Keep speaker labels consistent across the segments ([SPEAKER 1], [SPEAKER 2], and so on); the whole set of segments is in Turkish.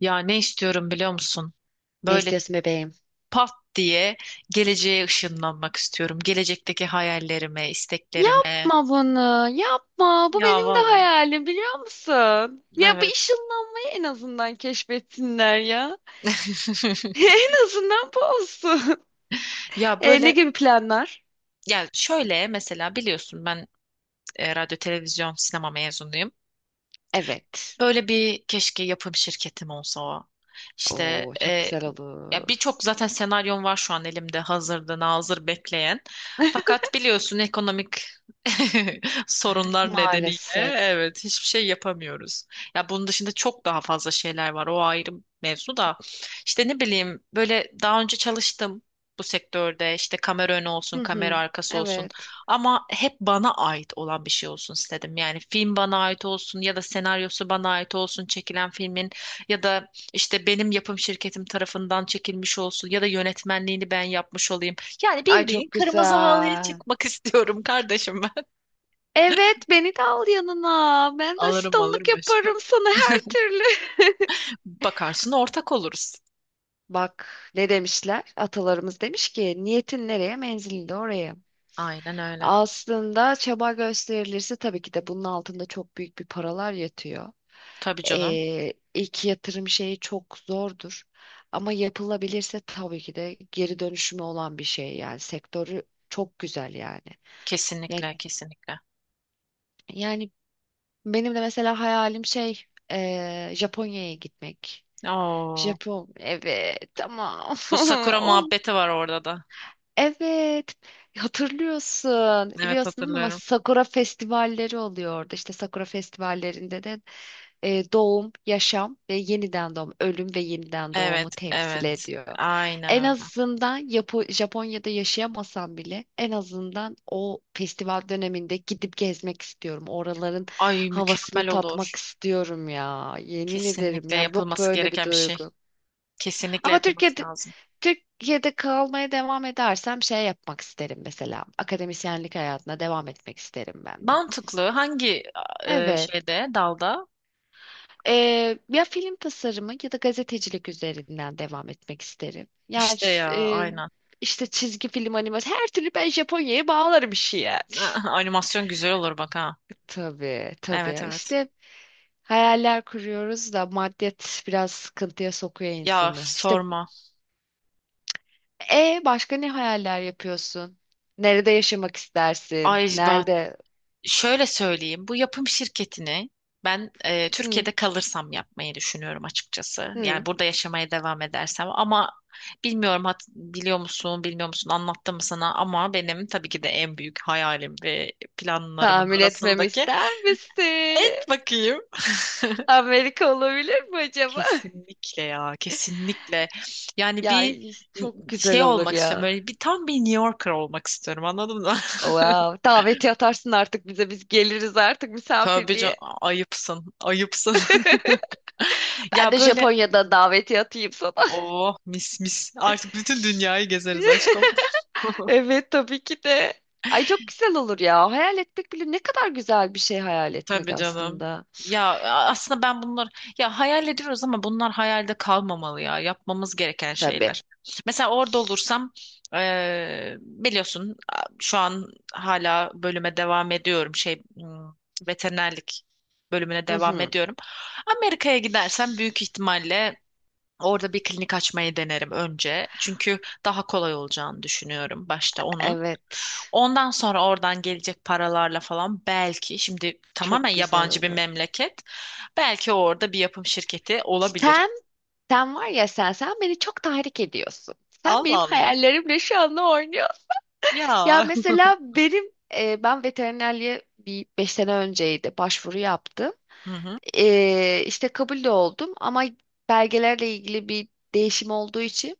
[SPEAKER 1] Ya ne istiyorum biliyor musun?
[SPEAKER 2] Ne
[SPEAKER 1] Böyle
[SPEAKER 2] istiyorsun bebeğim?
[SPEAKER 1] pat diye geleceğe ışınlanmak istiyorum. Gelecekteki hayallerime, isteklerime.
[SPEAKER 2] Yapma bunu, yapma. Bu
[SPEAKER 1] Ya
[SPEAKER 2] benim de
[SPEAKER 1] vallahi.
[SPEAKER 2] hayalim biliyor musun? Ya bu
[SPEAKER 1] Evet.
[SPEAKER 2] ışınlanmayı en azından keşfetsinler ya. En azından bu olsun.
[SPEAKER 1] Ya
[SPEAKER 2] Ne
[SPEAKER 1] böyle
[SPEAKER 2] gibi planlar?
[SPEAKER 1] ya şöyle mesela biliyorsun ben radyo, televizyon, sinema mezunuyum.
[SPEAKER 2] Evet.
[SPEAKER 1] Böyle bir keşke yapım şirketim olsa. O. İşte
[SPEAKER 2] Oo, çok güzel
[SPEAKER 1] ya
[SPEAKER 2] olur.
[SPEAKER 1] birçok zaten senaryon var şu an elimde hazırda nazır bekleyen. Fakat biliyorsun ekonomik sorunlar nedeniyle
[SPEAKER 2] Maalesef.
[SPEAKER 1] evet hiçbir şey yapamıyoruz. Ya bunun dışında çok daha fazla şeyler var. O ayrı mevzu da. İşte ne bileyim böyle daha önce çalıştım bu sektörde. İşte kamera önü olsun,
[SPEAKER 2] Hı
[SPEAKER 1] kamera
[SPEAKER 2] hı,
[SPEAKER 1] arkası olsun.
[SPEAKER 2] evet.
[SPEAKER 1] Ama hep bana ait olan bir şey olsun istedim. Yani film bana ait olsun ya da senaryosu bana ait olsun çekilen filmin ya da işte benim yapım şirketim tarafından çekilmiş olsun ya da yönetmenliğini ben yapmış olayım. Yani
[SPEAKER 2] Ay
[SPEAKER 1] bildiğin
[SPEAKER 2] çok
[SPEAKER 1] kırmızı halıya
[SPEAKER 2] güzel.
[SPEAKER 1] çıkmak istiyorum kardeşim ben.
[SPEAKER 2] Evet, beni de al yanına. Ben de
[SPEAKER 1] Alırım
[SPEAKER 2] asistanlık
[SPEAKER 1] alırım
[SPEAKER 2] yaparım
[SPEAKER 1] aşkım.
[SPEAKER 2] sana her türlü.
[SPEAKER 1] Bakarsın ortak oluruz.
[SPEAKER 2] Bak ne demişler? Atalarımız demiş ki niyetin nereye menzilin de oraya.
[SPEAKER 1] Aynen öyle.
[SPEAKER 2] Aslında çaba gösterilirse tabii ki de bunun altında çok büyük bir paralar yatıyor.
[SPEAKER 1] Tabii canım.
[SPEAKER 2] İlk yatırım şeyi çok zordur. Ama yapılabilirse tabii ki de geri dönüşümü olan bir şey, yani sektörü çok güzel yani. Yani,
[SPEAKER 1] Kesinlikle kesinlikle.
[SPEAKER 2] yani, benim de mesela hayalim şey Japonya'ya gitmek.
[SPEAKER 1] Oo,
[SPEAKER 2] Japon evet tamam
[SPEAKER 1] bu Sakura
[SPEAKER 2] olmadı.
[SPEAKER 1] muhabbeti var orada da.
[SPEAKER 2] Evet, hatırlıyorsun.
[SPEAKER 1] Evet
[SPEAKER 2] Biliyorsun değil mi? Ama
[SPEAKER 1] hatırlıyorum.
[SPEAKER 2] Sakura festivalleri oluyor orada. İşte Sakura festivallerinde de doğum, yaşam ve yeniden doğum, ölüm ve yeniden doğumu
[SPEAKER 1] Evet
[SPEAKER 2] temsil
[SPEAKER 1] evet.
[SPEAKER 2] ediyor.
[SPEAKER 1] Aynen
[SPEAKER 2] En
[SPEAKER 1] öyle.
[SPEAKER 2] azından Japonya'da yaşayamasam bile en azından o festival döneminde gidip gezmek istiyorum. Oraların
[SPEAKER 1] Ay
[SPEAKER 2] havasını
[SPEAKER 1] mükemmel
[SPEAKER 2] tatmak
[SPEAKER 1] olur.
[SPEAKER 2] istiyorum ya. Yemin ederim
[SPEAKER 1] Kesinlikle
[SPEAKER 2] ya. Yok
[SPEAKER 1] yapılması
[SPEAKER 2] böyle bir
[SPEAKER 1] gereken bir şey.
[SPEAKER 2] duygu.
[SPEAKER 1] Kesinlikle
[SPEAKER 2] Ama
[SPEAKER 1] yapılması
[SPEAKER 2] Türkiye'de
[SPEAKER 1] lazım.
[SPEAKER 2] Türkiye'de kalmaya devam edersem şey yapmak isterim mesela. Akademisyenlik hayatına devam etmek isterim ben de.
[SPEAKER 1] Mantıklı. Hangi
[SPEAKER 2] Evet.
[SPEAKER 1] şeyde, dalda?
[SPEAKER 2] Ya film tasarımı ya da gazetecilik üzerinden devam etmek isterim. Yani
[SPEAKER 1] İşte ya,
[SPEAKER 2] e,
[SPEAKER 1] aynen.
[SPEAKER 2] işte çizgi film animasyon her türlü ben Japonya'ya bağlarım işi yani.
[SPEAKER 1] Animasyon güzel olur bak ha.
[SPEAKER 2] Tabii
[SPEAKER 1] Evet
[SPEAKER 2] tabii,
[SPEAKER 1] evet.
[SPEAKER 2] işte hayaller kuruyoruz da maddiyat biraz sıkıntıya sokuyor
[SPEAKER 1] Ya
[SPEAKER 2] insanı. İşte
[SPEAKER 1] sorma.
[SPEAKER 2] E başka ne hayaller yapıyorsun? Nerede yaşamak istersin?
[SPEAKER 1] Ay ben
[SPEAKER 2] Nerede?
[SPEAKER 1] şöyle söyleyeyim, bu yapım şirketini ben
[SPEAKER 2] Hı,
[SPEAKER 1] Türkiye'de kalırsam yapmayı düşünüyorum açıkçası. Yani
[SPEAKER 2] hı.
[SPEAKER 1] burada yaşamaya devam edersem ama bilmiyorum biliyor musun, bilmiyor musun anlattım mı sana ama benim tabii ki de en büyük hayalim ve planlarımın
[SPEAKER 2] Tahmin etmemi
[SPEAKER 1] arasındaki
[SPEAKER 2] ister misin?
[SPEAKER 1] et bakayım.
[SPEAKER 2] Amerika olabilir mi acaba?
[SPEAKER 1] Kesinlikle ya, kesinlikle. Yani
[SPEAKER 2] Ya
[SPEAKER 1] bir
[SPEAKER 2] çok güzel
[SPEAKER 1] şey
[SPEAKER 2] olur
[SPEAKER 1] olmak istiyorum,
[SPEAKER 2] ya.
[SPEAKER 1] böyle bir tam bir New Yorker olmak istiyorum anladın mı?
[SPEAKER 2] Wow. Daveti atarsın artık bize. Biz geliriz artık
[SPEAKER 1] Tabii can
[SPEAKER 2] misafirliğe.
[SPEAKER 1] ayıpsın, ayıpsın.
[SPEAKER 2] Ben
[SPEAKER 1] Ya
[SPEAKER 2] de
[SPEAKER 1] böyle
[SPEAKER 2] Japonya'da daveti atayım sana.
[SPEAKER 1] oh mis mis. Artık bütün dünyayı gezeriz aşkım.
[SPEAKER 2] Evet tabii ki de. Ay çok güzel olur ya. Hayal etmek bile ne kadar güzel bir şey hayal etmek
[SPEAKER 1] Tabii canım.
[SPEAKER 2] aslında.
[SPEAKER 1] Ya aslında ben bunlar ya hayal ediyoruz ama bunlar hayalde kalmamalı ya. Yapmamız gereken
[SPEAKER 2] Tabii.
[SPEAKER 1] şeyler. Mesela orada olursam biliyorsun şu an hala bölüme devam ediyorum. Şey veterinerlik bölümüne devam ediyorum. Amerika'ya gidersem büyük ihtimalle orada bir klinik açmayı denerim önce. Çünkü daha kolay olacağını düşünüyorum başta onun.
[SPEAKER 2] Evet.
[SPEAKER 1] Ondan sonra oradan gelecek paralarla falan belki şimdi tamamen
[SPEAKER 2] Çok güzel
[SPEAKER 1] yabancı bir
[SPEAKER 2] olur.
[SPEAKER 1] memleket. Belki orada bir yapım şirketi olabilir.
[SPEAKER 2] Sen, sen, var ya sen, beni çok tahrik ediyorsun. Sen
[SPEAKER 1] Allah
[SPEAKER 2] benim
[SPEAKER 1] Allah.
[SPEAKER 2] hayallerimle şu anda oynuyorsun.
[SPEAKER 1] Ya.
[SPEAKER 2] Ya mesela benim, ben veterinerliğe bir beş sene önceydi başvuru yaptım.
[SPEAKER 1] Hı hı.
[SPEAKER 2] İşte kabul de oldum ama belgelerle ilgili bir değişim olduğu için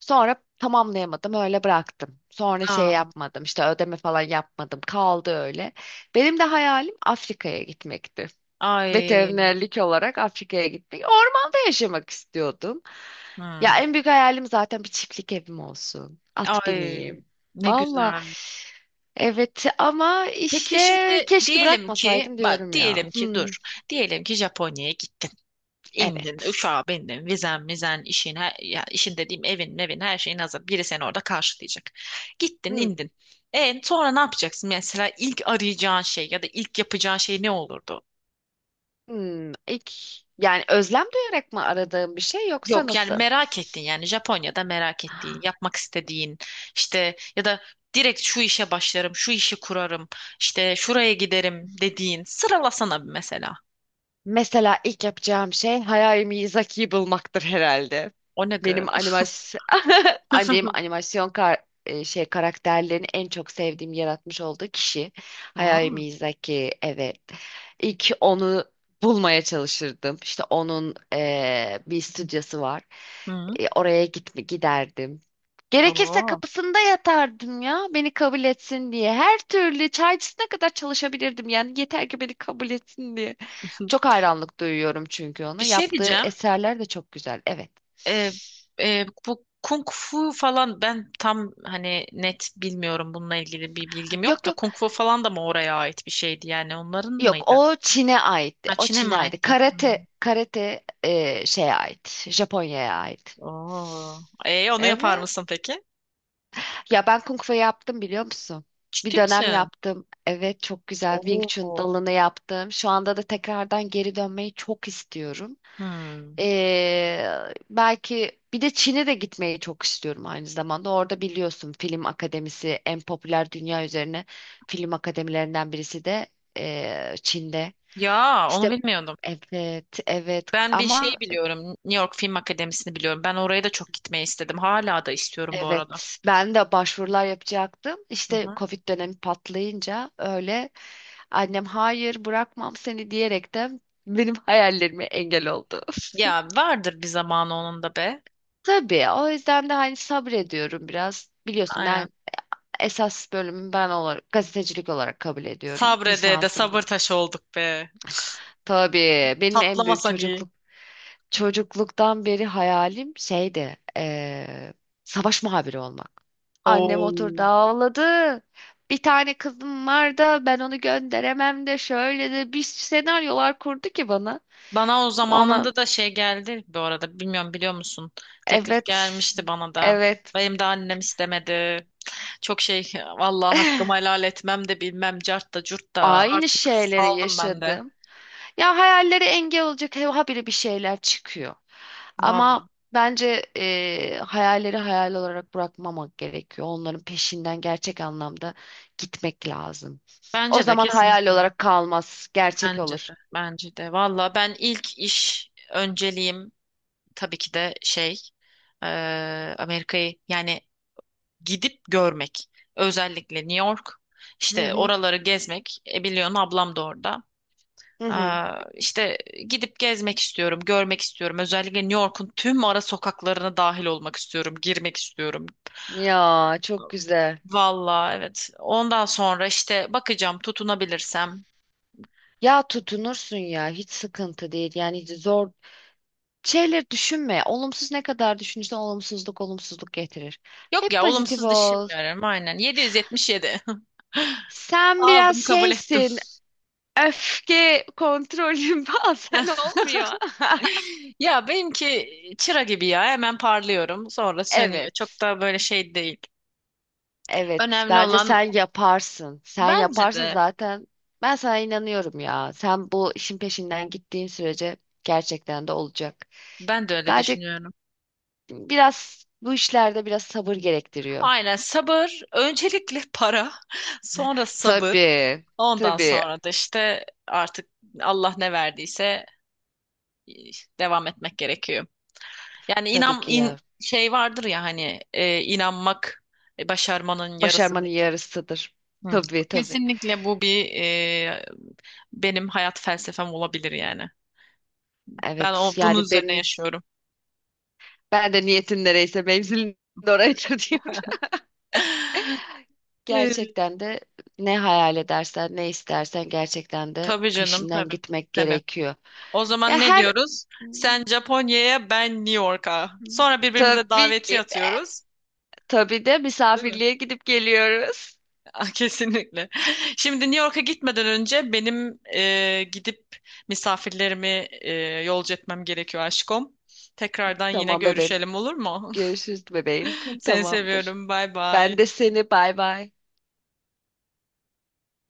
[SPEAKER 2] sonra tamamlayamadım öyle bıraktım. Sonra şey
[SPEAKER 1] Aa,
[SPEAKER 2] yapmadım işte ödeme falan yapmadım kaldı öyle. Benim de hayalim Afrika'ya gitmekti.
[SPEAKER 1] ay,
[SPEAKER 2] Veterinerlik olarak Afrika'ya gitmek. Ormanda yaşamak istiyordum. Ya
[SPEAKER 1] hı,
[SPEAKER 2] en büyük hayalim zaten bir çiftlik evim olsun. At
[SPEAKER 1] ay,
[SPEAKER 2] bineyim.
[SPEAKER 1] ne
[SPEAKER 2] Valla.
[SPEAKER 1] güzel.
[SPEAKER 2] Evet ama
[SPEAKER 1] Peki
[SPEAKER 2] işte
[SPEAKER 1] şimdi
[SPEAKER 2] keşke
[SPEAKER 1] diyelim ki,
[SPEAKER 2] bırakmasaydım
[SPEAKER 1] bak
[SPEAKER 2] diyorum ya.
[SPEAKER 1] diyelim ki
[SPEAKER 2] Hmm,
[SPEAKER 1] dur, diyelim ki Japonya'ya gittin. İndin,
[SPEAKER 2] evet.
[SPEAKER 1] uçağa bindin, vizen, mizen, işin, her, ya işin dediğim evin, evin, her şeyin hazır. Biri seni orada karşılayacak. Gittin,
[SPEAKER 2] Hmm,
[SPEAKER 1] indin. E sonra ne yapacaksın? Mesela ilk arayacağın şey ya da ilk yapacağın şey ne olurdu?
[SPEAKER 2] hmm. İlk, yani özlem duyarak mı aradığım bir şey yoksa
[SPEAKER 1] Yok yani
[SPEAKER 2] nasıl?
[SPEAKER 1] merak ettin yani Japonya'da merak ettiğin, yapmak istediğin işte ya da direkt şu işe başlarım, şu işi kurarım, işte şuraya giderim dediğin sıralasana bir mesela.
[SPEAKER 2] Mesela ilk yapacağım şey Hayao Miyazaki'yi bulmaktır herhalde.
[SPEAKER 1] O ne gı?
[SPEAKER 2] Benim animasyon ay, benim animasyon şey karakterlerini en çok sevdiğim yaratmış olduğu kişi Hayao
[SPEAKER 1] Aa,
[SPEAKER 2] Miyazaki. Evet. İlk onu bulmaya çalışırdım. İşte onun bir stüdyosu var.
[SPEAKER 1] hı,
[SPEAKER 2] Oraya giderdim. Gerekirse
[SPEAKER 1] oo.
[SPEAKER 2] kapısında yatardım ya beni kabul etsin diye. Her türlü çaycısına kadar çalışabilirdim yani yeter ki beni kabul etsin diye. Çok hayranlık duyuyorum çünkü
[SPEAKER 1] Bir
[SPEAKER 2] ona.
[SPEAKER 1] şey
[SPEAKER 2] Yaptığı
[SPEAKER 1] diyeceğim.
[SPEAKER 2] eserler de çok güzel. Evet.
[SPEAKER 1] e, Bu kung fu falan ben tam hani net bilmiyorum bununla ilgili bir bilgim yok
[SPEAKER 2] Yok
[SPEAKER 1] da
[SPEAKER 2] yok.
[SPEAKER 1] kung fu falan da mı oraya ait bir şeydi yani onların
[SPEAKER 2] Yok
[SPEAKER 1] mıydı?
[SPEAKER 2] o Çin'e aitti.
[SPEAKER 1] Ha
[SPEAKER 2] O
[SPEAKER 1] Çin'e mi
[SPEAKER 2] Çin'e aitti.
[SPEAKER 1] aitti? Hmm.
[SPEAKER 2] Karate şeye ait. Japonya'ya ait.
[SPEAKER 1] Oo. E onu yapar
[SPEAKER 2] Evet.
[SPEAKER 1] mısın peki?
[SPEAKER 2] Ya ben Kung Fu yaptım biliyor musun? Bir
[SPEAKER 1] Ciddi
[SPEAKER 2] dönem
[SPEAKER 1] misin?
[SPEAKER 2] yaptım. Evet çok güzel. Wing Chun
[SPEAKER 1] Oo.
[SPEAKER 2] dalını yaptım. Şu anda da tekrardan geri dönmeyi çok istiyorum.
[SPEAKER 1] Hmm.
[SPEAKER 2] Belki bir de Çin'e de gitmeyi çok istiyorum aynı zamanda. Orada biliyorsun film akademisi en popüler dünya üzerine film akademilerinden birisi de Çin'de.
[SPEAKER 1] Ya onu
[SPEAKER 2] İşte
[SPEAKER 1] bilmiyordum.
[SPEAKER 2] evet evet
[SPEAKER 1] Ben bir şey
[SPEAKER 2] ama
[SPEAKER 1] biliyorum. New York Film Akademisi'ni biliyorum. Ben oraya da çok gitmeyi istedim. Hala da istiyorum bu arada.
[SPEAKER 2] evet, ben de başvurular yapacaktım.
[SPEAKER 1] Hı
[SPEAKER 2] İşte
[SPEAKER 1] hı.
[SPEAKER 2] Covid dönemi patlayınca öyle annem hayır bırakmam seni diyerek de benim hayallerime engel oldu.
[SPEAKER 1] Ya vardır bir zamanı onun da be.
[SPEAKER 2] Tabii o yüzden de hani sabrediyorum biraz. Biliyorsun
[SPEAKER 1] Aynen.
[SPEAKER 2] ben esas bölümü ben olarak gazetecilik olarak kabul ediyorum.
[SPEAKER 1] Sabrede de
[SPEAKER 2] Lisansım.
[SPEAKER 1] sabır taşı olduk be.
[SPEAKER 2] Tabii benim en büyük
[SPEAKER 1] Patlamasak iyi.
[SPEAKER 2] çocukluk çocukluktan beri hayalim şeydi, savaş muhabiri olmak. Annem
[SPEAKER 1] Oo.
[SPEAKER 2] oturdu ağladı. Bir tane kızım var da ben onu gönderemem de şöyle de bir senaryolar kurdu ki bana.
[SPEAKER 1] Bana o
[SPEAKER 2] Ona
[SPEAKER 1] zamanında da şey geldi bu arada. Bilmiyorum biliyor musun? Teklif
[SPEAKER 2] evet,
[SPEAKER 1] gelmişti bana da.
[SPEAKER 2] evet.
[SPEAKER 1] Benim de annem istemedi. Çok şey vallahi hakkımı helal etmem de bilmem cart da curt da
[SPEAKER 2] Aynı
[SPEAKER 1] artık
[SPEAKER 2] şeyleri
[SPEAKER 1] saldım ben de.
[SPEAKER 2] yaşadım. Ya hayallere engel olacak habire bir şeyler çıkıyor.
[SPEAKER 1] Vallahi.
[SPEAKER 2] Ama bence hayalleri hayal olarak bırakmamak gerekiyor. Onların peşinden gerçek anlamda gitmek lazım. O
[SPEAKER 1] Bence de
[SPEAKER 2] zaman hayal
[SPEAKER 1] kesinlikle.
[SPEAKER 2] olarak kalmaz, gerçek
[SPEAKER 1] Bence
[SPEAKER 2] olur.
[SPEAKER 1] de. Bence de. Vallahi ben ilk iş önceliğim tabii ki de şey Amerika'yı yani gidip görmek. Özellikle New York,
[SPEAKER 2] Hı
[SPEAKER 1] işte
[SPEAKER 2] hı,
[SPEAKER 1] oraları gezmek. E, biliyorsun ablam da orada.
[SPEAKER 2] hı hı.
[SPEAKER 1] Aa, işte gidip gezmek istiyorum, görmek istiyorum. Özellikle New York'un tüm ara sokaklarına dahil olmak istiyorum, girmek istiyorum.
[SPEAKER 2] Ya çok güzel.
[SPEAKER 1] Valla evet. Ondan sonra işte bakacağım tutunabilirsem.
[SPEAKER 2] Ya tutunursun ya, hiç sıkıntı değil. Yani hiç zor şeyler düşünme. Olumsuz ne kadar düşünürsen olumsuzluk getirir.
[SPEAKER 1] Yok
[SPEAKER 2] Hep
[SPEAKER 1] ya
[SPEAKER 2] pozitif
[SPEAKER 1] olumsuz
[SPEAKER 2] ol.
[SPEAKER 1] düşünmüyorum aynen. 777.
[SPEAKER 2] Sen biraz
[SPEAKER 1] Aldım kabul ettim.
[SPEAKER 2] şeysin. Öfke kontrolü bazen olmuyor.
[SPEAKER 1] Ya benimki çıra gibi ya hemen parlıyorum sonra sönüyor. Çok
[SPEAKER 2] Evet.
[SPEAKER 1] da böyle şey değil.
[SPEAKER 2] Evet.
[SPEAKER 1] Önemli
[SPEAKER 2] Bence
[SPEAKER 1] olan
[SPEAKER 2] sen yaparsın. Sen
[SPEAKER 1] bence
[SPEAKER 2] yaparsın
[SPEAKER 1] de
[SPEAKER 2] zaten. Ben sana inanıyorum ya. Sen bu işin peşinden gittiğin sürece gerçekten de olacak.
[SPEAKER 1] ben de öyle
[SPEAKER 2] Sadece
[SPEAKER 1] düşünüyorum.
[SPEAKER 2] biraz bu işlerde biraz sabır gerektiriyor.
[SPEAKER 1] Aynen sabır, öncelikle para, sonra sabır,
[SPEAKER 2] Tabii.
[SPEAKER 1] ondan
[SPEAKER 2] Tabii.
[SPEAKER 1] sonra da işte artık Allah ne verdiyse e, devam etmek gerekiyor. Yani
[SPEAKER 2] Tabii ki ya.
[SPEAKER 1] şey vardır ya hani inanmak başarmanın
[SPEAKER 2] Başarmanın
[SPEAKER 1] yarısıdır.
[SPEAKER 2] yarısıdır.
[SPEAKER 1] Hı.
[SPEAKER 2] Tabii tabii.
[SPEAKER 1] Kesinlikle bu bir benim hayat felsefem olabilir yani. Ben o
[SPEAKER 2] Evet.
[SPEAKER 1] bunun
[SPEAKER 2] Yani
[SPEAKER 1] üzerine
[SPEAKER 2] benim,
[SPEAKER 1] yaşıyorum.
[SPEAKER 2] ben de niyetin nereyse mevzilin de orayıdır diyorum.
[SPEAKER 1] E,
[SPEAKER 2] Gerçekten de ne hayal edersen, ne istersen gerçekten de
[SPEAKER 1] tabii canım
[SPEAKER 2] peşinden
[SPEAKER 1] tabii.
[SPEAKER 2] gitmek
[SPEAKER 1] Tabii.
[SPEAKER 2] gerekiyor.
[SPEAKER 1] O
[SPEAKER 2] Ya
[SPEAKER 1] zaman ne
[SPEAKER 2] her
[SPEAKER 1] diyoruz? Sen Japonya'ya, ben New York'a. Sonra birbirimize
[SPEAKER 2] tabii
[SPEAKER 1] daveti
[SPEAKER 2] ki de,
[SPEAKER 1] atıyoruz.
[SPEAKER 2] tabii de
[SPEAKER 1] Değil mi?
[SPEAKER 2] misafirliğe gidip geliyoruz.
[SPEAKER 1] Ah, kesinlikle. Şimdi New York'a gitmeden önce benim gidip misafirlerimi e, yolcu etmem gerekiyor aşkım. Tekrardan yine
[SPEAKER 2] Tamam bebeğim.
[SPEAKER 1] görüşelim olur mu?
[SPEAKER 2] Görüşürüz bebeğim.
[SPEAKER 1] Seni
[SPEAKER 2] Tamamdır.
[SPEAKER 1] seviyorum. Bay
[SPEAKER 2] Ben de
[SPEAKER 1] bay.
[SPEAKER 2] seni bay bay.